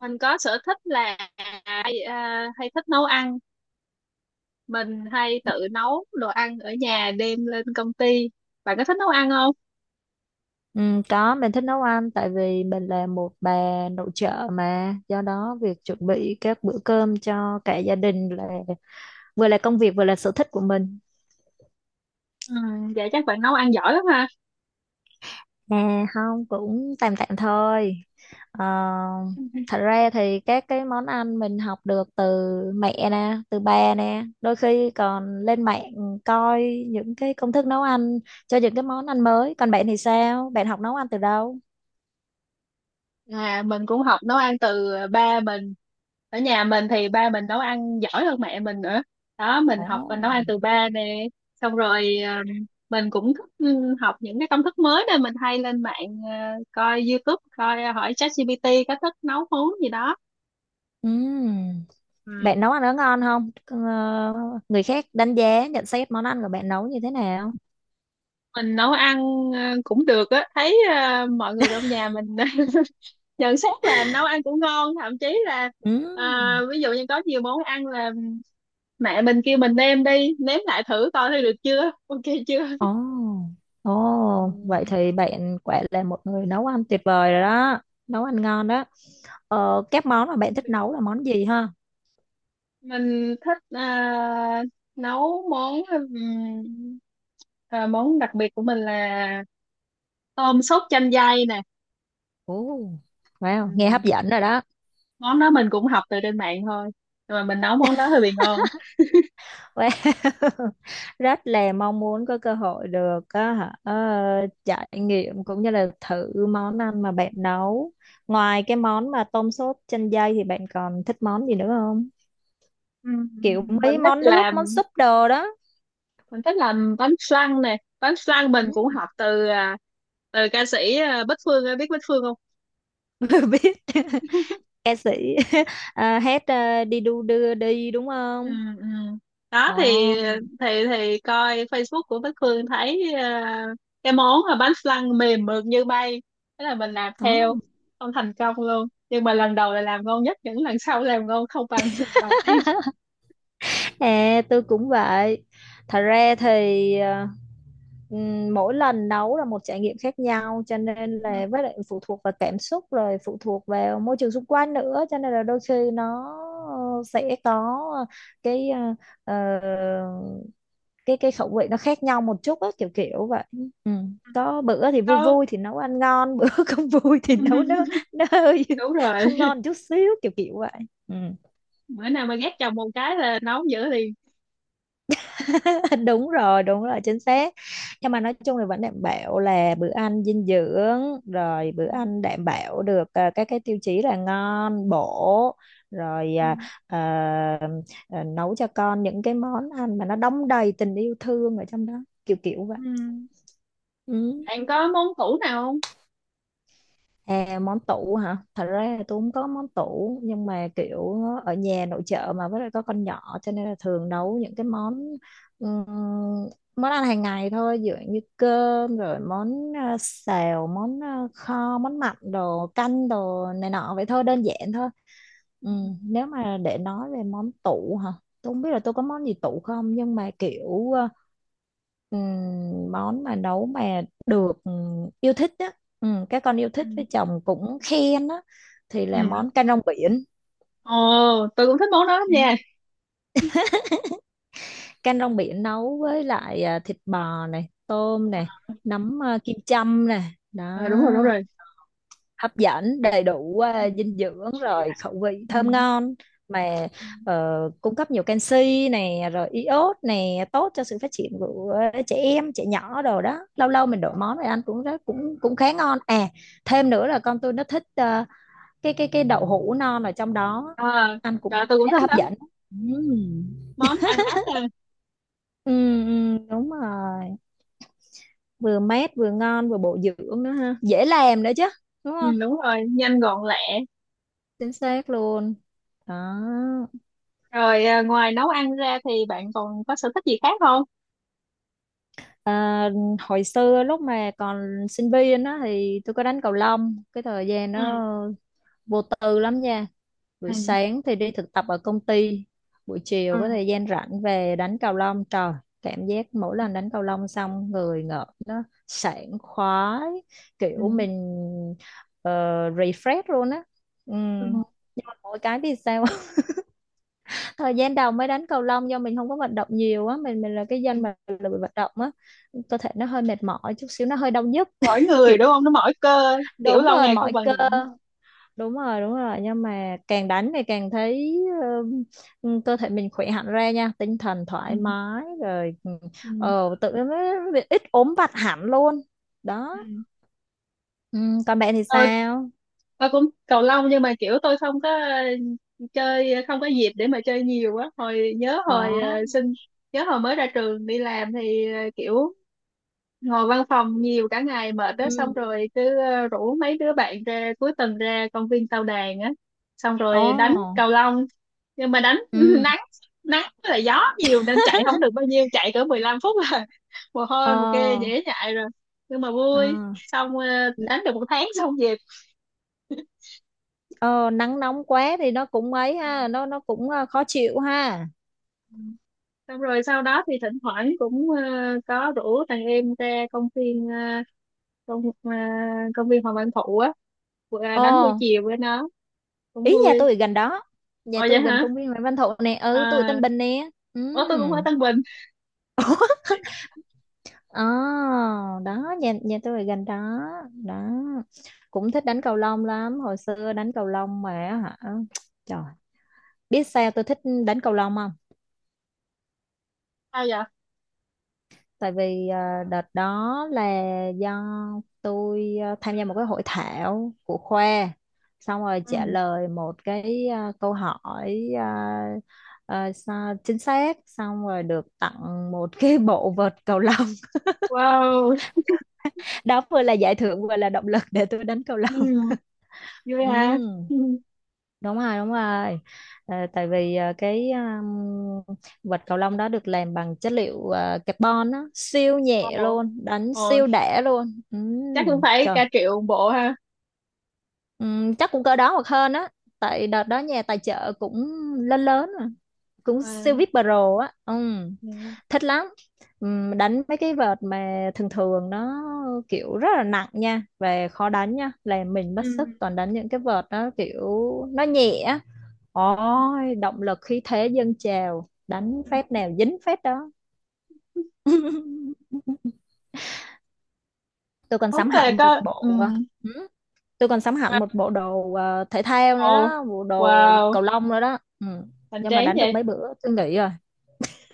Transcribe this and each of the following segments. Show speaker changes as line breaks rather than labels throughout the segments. Mình có sở thích là hay thích nấu ăn. Mình hay tự nấu đồ ăn ở nhà đem lên công ty. Bạn có thích nấu ăn không?
Ừ, có mình thích nấu ăn tại vì mình là một bà nội trợ mà do đó việc chuẩn bị các bữa cơm cho cả gia đình là vừa là công việc vừa là sở thích của mình.
Ừ, vậy chắc bạn nấu ăn giỏi lắm ha.
Không cũng tạm tạm thôi. Ờ, Thật ra thì các cái món ăn mình học được từ mẹ nè, từ ba nè, đôi khi còn lên mạng coi những cái công thức nấu ăn cho những cái món ăn mới. Còn bạn thì sao? Bạn học nấu ăn từ đâu?
À, mình cũng học nấu ăn từ ba mình. Ở nhà mình thì ba mình nấu ăn giỏi hơn mẹ mình nữa. Đó, mình
Ồ.
học và nấu ăn từ ba nè. Xong rồi, mình cũng thích học những cái công thức mới nên mình hay lên mạng, coi YouTube, coi, hỏi ChatGPT có thích nấu món gì đó.
Ừ.
Ừ.
Bạn nấu ăn nó ngon không? Ờ, Người khác đánh giá, nhận xét món ăn của bạn nấu như thế nào?
Mình nấu ăn cũng được á, thấy mọi người trong nhà mình nhận xét là nấu ăn cũng ngon, thậm chí là
Ừ.
ờ, ví dụ như có nhiều món ăn là mẹ mình kêu mình nêm đi nếm lại thử coi thấy được chưa ok chưa.
Ồ,
Ừ,
ồ, vậy thì bạn quả là một người nấu ăn tuyệt vời rồi đó, nấu ăn ngon đó. Các món mà bạn
cũng
thích
được.
nấu là món gì ha?
Mình thích nấu món, ờ, món đặc biệt của mình là tôm sốt chanh dây nè.
Ồ, wow, nghe
Ừm,
hấp dẫn rồi đó.
Món đó mình cũng học từ trên mạng thôi, nhưng mà mình nấu món đó hơi bị ngon.
Wow. Rất là mong muốn có cơ hội được á hả, trải nghiệm cũng như là thử món ăn mà bạn nấu. Ngoài cái món mà tôm sốt chanh dây thì bạn còn thích món gì nữa không?
Ừm,
Kiểu
mình
mấy
thích
món nước, món
làm
súp đồ đó.
mình thích làm bánh flan nè, bánh flan mình
Ừ,
cũng học từ ca sĩ, Bích Phương, em biết Bích Phương không?
biết ca sĩ. Hát, đi đu đưa đi đúng
Ừ,
không?
ừ. Đó thì
Ồ,
coi Facebook của Bích Phương thấy, cái món là bánh flan mềm mượt như bay. Thế là mình làm
đó.
theo không thành công luôn, nhưng mà lần đầu là làm ngon nhất, những lần sau làm ngon không bằng lần đầu tiên.
À, tôi cũng vậy. Thật ra thì mỗi lần nấu là một trải nghiệm khác nhau, cho nên
Ừ.
là với lại phụ thuộc vào cảm xúc, rồi phụ thuộc vào môi trường xung quanh nữa, cho nên là đôi khi nó sẽ có cái ờ, cái khẩu vị nó khác nhau một chút á, kiểu kiểu vậy. Ừ. Có bữa thì vui
Có.
vui thì nấu ăn ngon, bữa không vui thì nấu nó nó hơi
Đúng rồi,
không ngon chút xíu, kiểu kiểu vậy. Ừ.
bữa nào mà ghét chồng một cái là nấu dữ liền.
Đúng rồi, đúng rồi, chính xác. Nhưng mà nói chung là vẫn đảm bảo là bữa ăn dinh dưỡng, rồi
Ừ.
bữa ăn đảm bảo được các cái tiêu chí là ngon bổ, rồi
Ừ.
ờ, ờ, nấu cho con những cái món ăn mà nó đong đầy tình yêu thương ở trong đó, kiểu kiểu vậy.
Ừ.
Ừ.
Bạn có món tủ nào không?
À, món tủ hả? Thật ra là tôi không có món tủ, nhưng mà kiểu ở nhà nội trợ mà với lại có con nhỏ cho nên là thường nấu những cái món ừm, món ăn hàng ngày thôi, ví dụ như cơm, rồi món xào, món kho, món mặn đồ, canh đồ này nọ vậy thôi, đơn giản thôi. Ừ, nếu mà để nói về món tủ hả? Tôi không biết là tôi có món gì tủ không, nhưng mà kiểu món mà nấu mà được yêu thích á, các con yêu
Ừ.
thích, với chồng cũng khen á, thì
Ừ.
là món canh rong biển.
Ồ, tôi cũng thích món đó lắm nha.
Ừ. Canh rong biển nấu với lại thịt bò này, tôm này, nấm kim châm này. Đó.
À, đúng rồi, đúng rồi.
Hấp dẫn, đầy đủ dinh dưỡng, rồi khẩu vị thơm
Ừ.
ngon mà cung cấp nhiều canxi này, rồi iốt này, tốt cho sự phát triển của trẻ em, trẻ nhỏ đồ đó. Lâu lâu mình đổi món này ăn cũng rất cũng cũng khá ngon à. Thêm nữa là con tôi nó thích cái đậu hũ non ở trong đó,
À,
ăn cũng
trời, tôi cũng
khá là
thích
hấp
lắm.
dẫn. Ừm.
Món ăn mát nha.
Ừ, ừ, đúng rồi, vừa mát vừa ngon vừa bổ dưỡng nữa ha, dễ làm nữa chứ, đúng
Ừ,
không?
đúng rồi, nhanh gọn lẹ.
Chính xác luôn. Đó.
Rồi, ngoài nấu ăn ra thì bạn còn có sở thích gì khác không?
À, hồi xưa lúc mà còn sinh viên đó thì tôi có đánh cầu lông, cái thời gian
Ừ.
nó vô tư lắm nha. Buổi
Ừ.
sáng thì đi thực tập ở công ty, buổi
Ừ.
chiều có thời gian rảnh về đánh cầu lông. Trời, cảm giác mỗi
Ừ.
lần đánh cầu lông xong người ngợp nó sảng khoái,
Ừ.
kiểu mình ờ, refresh luôn á. Ừ.
Ừ.
Nhưng mà mỗi cái thì sao, thời gian đầu mới đánh cầu lông do mình không có vận động nhiều á, mình là cái dân
Ừ.
mà lười vận động á, cơ thể nó hơi mệt mỏi chút xíu, nó hơi đau nhức,
Mỗi
kiểu.
người đúng không, nó mỏi cơ. Kiểu
Đúng
lâu
rồi,
ngày không
mỏi
vận
cơ.
động.
Đúng rồi, đúng rồi. Nhưng mà càng đánh thì càng thấy cơ thể mình khỏe hẳn ra nha, tinh thần thoải
Ừ.
mái, rồi
Ừ.
tự nó ít ốm vặt hẳn luôn. Đó.
Ừ.
Còn bạn thì
tôi
sao?
tôi cũng cầu lông, nhưng mà kiểu tôi không có chơi, không có dịp để mà chơi nhiều á, hồi nhớ
Ồ.
hồi ờ, sinh nhớ hồi mới ra trường đi làm thì kiểu ngồi văn phòng nhiều cả ngày mệt
Ừ.
đó, xong rồi cứ rủ mấy đứa bạn ra cuối tuần ra công viên Tao Đàn á. Xong rồi đánh
Ồ.
cầu lông, nhưng mà đánh
Ừ.
nắng, nắng với lại gió nhiều nên chạy không được bao nhiêu, chạy cỡ 15 phút là mồ
Ờ.
hôi mồ kê dễ nhại rồi. Nhưng mà
Ờ.
vui. Xong đánh được một tháng xong về.
Ờ, Nắng nóng quá thì nó cũng ấy ha, nó cũng khó chịu ha.
Xong rồi sau đó thì thỉnh thoảng cũng có rủ thằng em ra công viên, công ờ, công viên Hoàng Văn Thụ á. Đánh buổi
Ờ,
chiều với nó. Cũng
Ý nhà
vui.
tôi ở gần đó.
Ồ
Nhà
vậy
tôi gần
hả?
công viên Nguyễn Văn Thụ nè, ừ, tôi ở
À,
Tân Bình nè. Ừ.
ủa, tôi cũng ở Tân Bình.
Ờ, Đó, nhà nhà tôi ở gần đó. Đó. Cũng thích đánh cầu lông lắm, hồi xưa đánh cầu lông mà, hả? Trời, biết sao tôi thích đánh cầu lông không?
Sao vậy?
Tại vì đợt đó là do tôi tham gia một cái hội thảo của khoa, xong rồi trả
Ừ.
lời một cái câu hỏi, chính xác, xong rồi được tặng một cái bộ vợt cầu lông.
Wow.
Đó vừa là giải thưởng vừa là động lực để tôi đánh cầu
Ừ.
lông.
Vui
Ừ,
hả? Ừ.
đúng rồi, đúng rồi. Tại vì cái vợt cầu lông đó được làm bằng chất liệu carbon á, siêu nhẹ
Ồ,
luôn, đánh
ồ,
siêu đẻ luôn.
chắc cũng phải
Trời.
cả triệu một bộ ha.
Chắc cũng cỡ đó hoặc hơn á, tại đợt đó nhà tài trợ cũng lớn lớn mà, cũng
À,
siêu vip pro á.
dạ.
Thích lắm. Đánh mấy cái vợt mà thường thường nó kiểu rất là nặng nha, về khó đánh nha, làm mình mất
Ừ.
sức. Toàn đánh những cái vợt nó kiểu nó nhẹ. Ôi, động lực khí thế dâng trào, đánh phép nào dính phép đó.
Ừ.
Tôi còn
Đúng
sắm
là
hẳn một
có. Ừ.
bộ ờ, ừ, tôi còn sắm hẳn
À,
một bộ đồ thể thao nữa
ồ,
đó, bộ đồ
wow,
cầu lông nữa đó. Ừ.
hoành
Nhưng mà
tráng
đánh được
vậy.
mấy bữa tôi nghỉ rồi.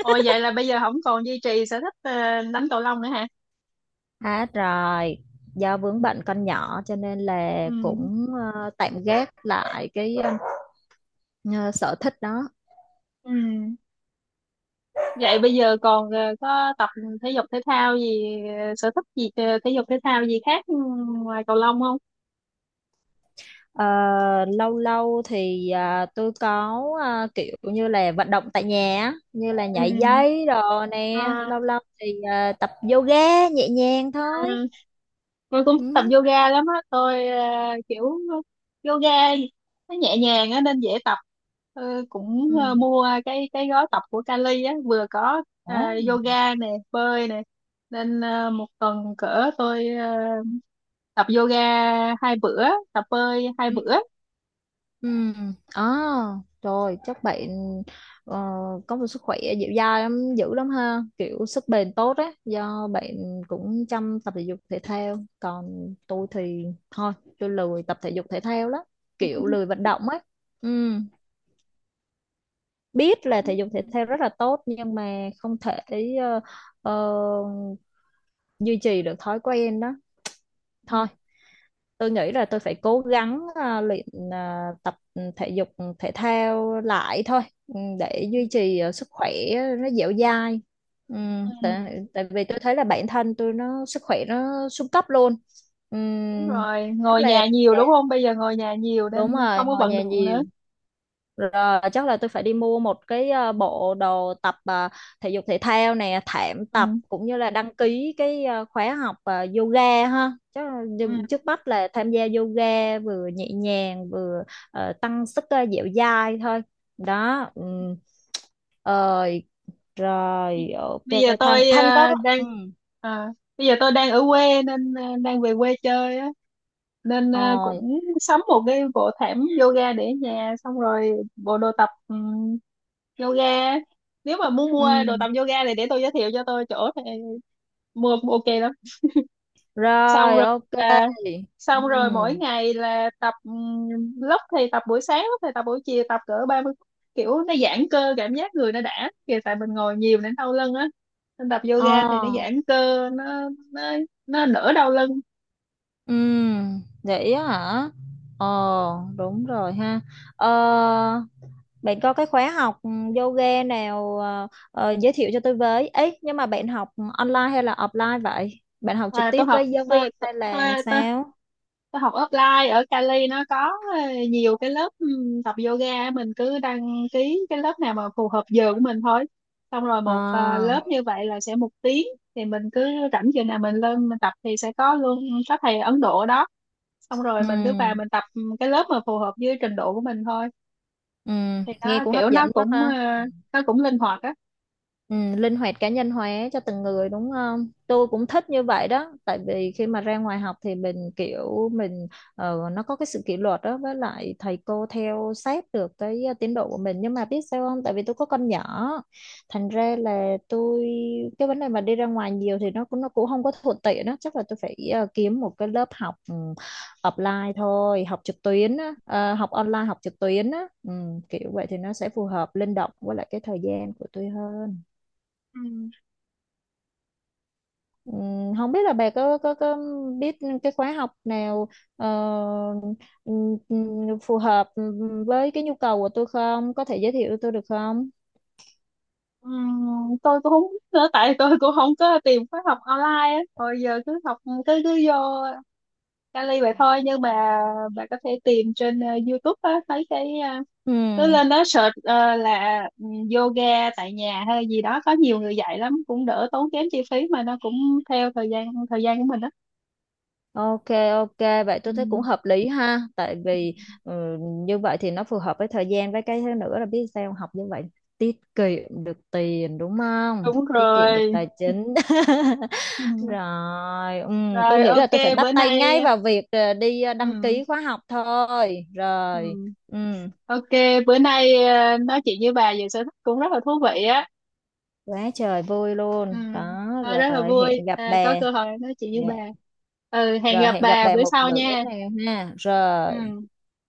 Ồ, vậy là bây giờ không còn duy trì sở thích đánh cầu lông nữa hả?
Hết rồi, do vướng bệnh con nhỏ cho nên là
Ừ.
cũng tạm gác lại cái ờ, sở thích đó.
Ừ. Vậy bây giờ còn có tập thể dục thể thao gì, sở thích gì, thể dục thể thao gì khác, ngoài cầu lông không?
Ờ, Lâu lâu thì tôi có kiểu như là vận động tại nhà á, như là nhảy dây đồ nè, lâu
Ừ.
lâu thì tập yoga nhẹ nhàng thôi.
À, tôi cũng thích tập
Ừ.
yoga lắm á, tôi kiểu yoga nó nhẹ nhàng á nên dễ tập. Ờ, cũng
Ừ.
mua cái gói tập của Cali á, vừa có
Ủa?
yoga nè, bơi nè, nên một tuần cỡ tôi tập yoga 2 bữa, tập bơi hai
Ừ.
bữa
Ừ. à, Trời, chắc bạn ờ, có một sức khỏe dẻo dai lắm, dữ lắm ha, kiểu sức bền tốt á, do bạn cũng chăm tập thể dục thể thao. Còn tôi thì thôi, tôi lười tập thể dục thể thao lắm, kiểu lười vận động ấy. Ừ, biết là thể dục thể thao rất là tốt nhưng mà không thể ờ, ờ, duy trì được thói quen đó.
Ừ,
Thôi, tôi nghĩ là tôi phải cố gắng luyện ờ, tập thể dục thể thao lại thôi, ừ, để duy trì sức khỏe nó dẻo dai. Ừ,
ừ,
tại vì tôi thấy là bản thân tôi nó sức khỏe nó xuống cấp luôn. Ừ,
đúng rồi,
chắc
ngồi
là
nhà nhiều đúng không, bây giờ ngồi nhà nhiều
đúng
nên
rồi,
không có
ngồi
vận
nhà
động nữa.
nhiều, rồi chắc là tôi phải đi mua một cái bộ đồ tập thể dục thể thao nè, thảm tập,
Ừ.
cũng như là đăng ký cái khóa học yoga ha. Chắc là
Ừ.
trước mắt là tham gia yoga, vừa nhẹ nhàng vừa tăng sức dẻo dai thôi. Đó. Ừ. Rồi.
bây
Rồi, ok.
bây giờ
Thanh
tôi
Thanh có.
ờ, đang
Ừ.
ờ, Bây giờ tôi đang ở quê nên đang về quê chơi á, nên
Rồi.
cũng sắm một cái bộ thảm yoga để ở nhà, xong rồi bộ đồ tập yoga. Nếu mà muốn mua
Ừ.
đồ tập yoga thì để tôi giới thiệu cho, tôi chỗ thì mua ok lắm. Xong
Rồi,
rồi
ok.
là,
Ừ.
xong rồi mỗi ngày là tập, lúc thì tập buổi sáng, lúc thì tập buổi chiều, tập cỡ 30 phút. Kiểu nó giãn cơ, cảm giác người nó đã kìa, tại mình ngồi nhiều nên đau lưng á, nên tập
Ờ.
yoga thì nó giãn cơ, nó đỡ đau lưng.
Ừ, vậy á hả? Ờ, Đúng rồi ha. Ờ, Bạn có cái khóa học yoga nào giới thiệu cho tôi với? Ấy, nhưng mà bạn học online hay là offline vậy? Bạn học trực
À, tôi
tiếp
học
với giáo viên
tôi, tôi,
hay là
tôi,
sao?
tôi học offline ở Cali, nó có ờ, nhiều cái lớp tập yoga, mình cứ đăng ký cái lớp nào mà phù hợp giờ của mình thôi. Xong rồi
Ờ.
một lớp như vậy là sẽ một tiếng, thì mình cứ rảnh giờ nào mình lên mình tập thì sẽ có luôn. Có thầy Ấn Độ ở đó, xong rồi
Ừ.
mình cứ vào mình tập cái lớp mà phù hợp với trình độ của mình thôi. Thì
Nghe
nó
cũng hấp
kiểu nó
dẫn quá
cũng
ha.
nó cũng linh hoạt á.
Ừ, linh hoạt cá nhân hóa cho từng người đúng không? Tôi cũng thích như vậy đó, tại vì khi mà ra ngoài học thì mình kiểu mình nó có cái sự kỷ luật đó, với lại thầy cô theo sát được cái tiến độ của mình. Nhưng mà biết sao không? Tại vì tôi có con nhỏ, thành ra là tôi, cái vấn đề mà đi ra ngoài nhiều thì nó cũng không có thuận tiện đó, chắc là tôi phải kiếm một cái lớp học ừ, offline thôi, học trực tuyến á, học online, học trực tuyến á, ừ, kiểu vậy thì nó sẽ phù hợp linh động với lại cái thời gian của tôi hơn.
Ừ.
Không biết là bà có biết cái khóa học nào ờ, phù hợp với cái nhu cầu của tôi không? Có thể giới thiệu tôi được không?
Tôi cũng không biết nữa, tại tôi cũng không có tìm khóa học online á, hồi giờ cứ học, cứ cứ vô Cali vậy thôi, nhưng mà bạn có thể tìm trên YouTube á, mấy cái, uh, cứ
Ừm.
lên đó search là, yoga tại nhà hay gì đó, có nhiều người dạy lắm, cũng đỡ tốn kém chi phí mà nó cũng theo thời gian, thời gian của mình đó.
Ok, ok, vậy
Ừ,
tôi thấy cũng hợp lý ha, tại vì ừ, như vậy thì nó phù hợp với thời gian, với cái thứ nữa là biết sao không? Học như vậy tiết kiệm được tiền, đúng không?
đúng
Tiết kiệm được
rồi.
tài chính.
Ừ.
Rồi, tôi
Rồi,
nghĩ là
ok.
tôi phải bắt
Bữa
tay ngay
nay.
vào việc đi đăng
Ừ,
ký khóa học thôi. Rồi,
ừ.
ừ,
Ok, bữa nay nói chuyện với bà về sở thích cũng rất là thú vị á.
quá trời vui
Ừ.
luôn. Đó,
Rất là
rồi
vui,
hẹn gặp
có
bè.
cơ hội nói chuyện với
Dạ.
bà. Ừ, hẹn
Rồi
gặp
hẹn gặp
bà
bè
bữa
một
sau
bữa
nha.
nào ha. Rồi.
Ừ.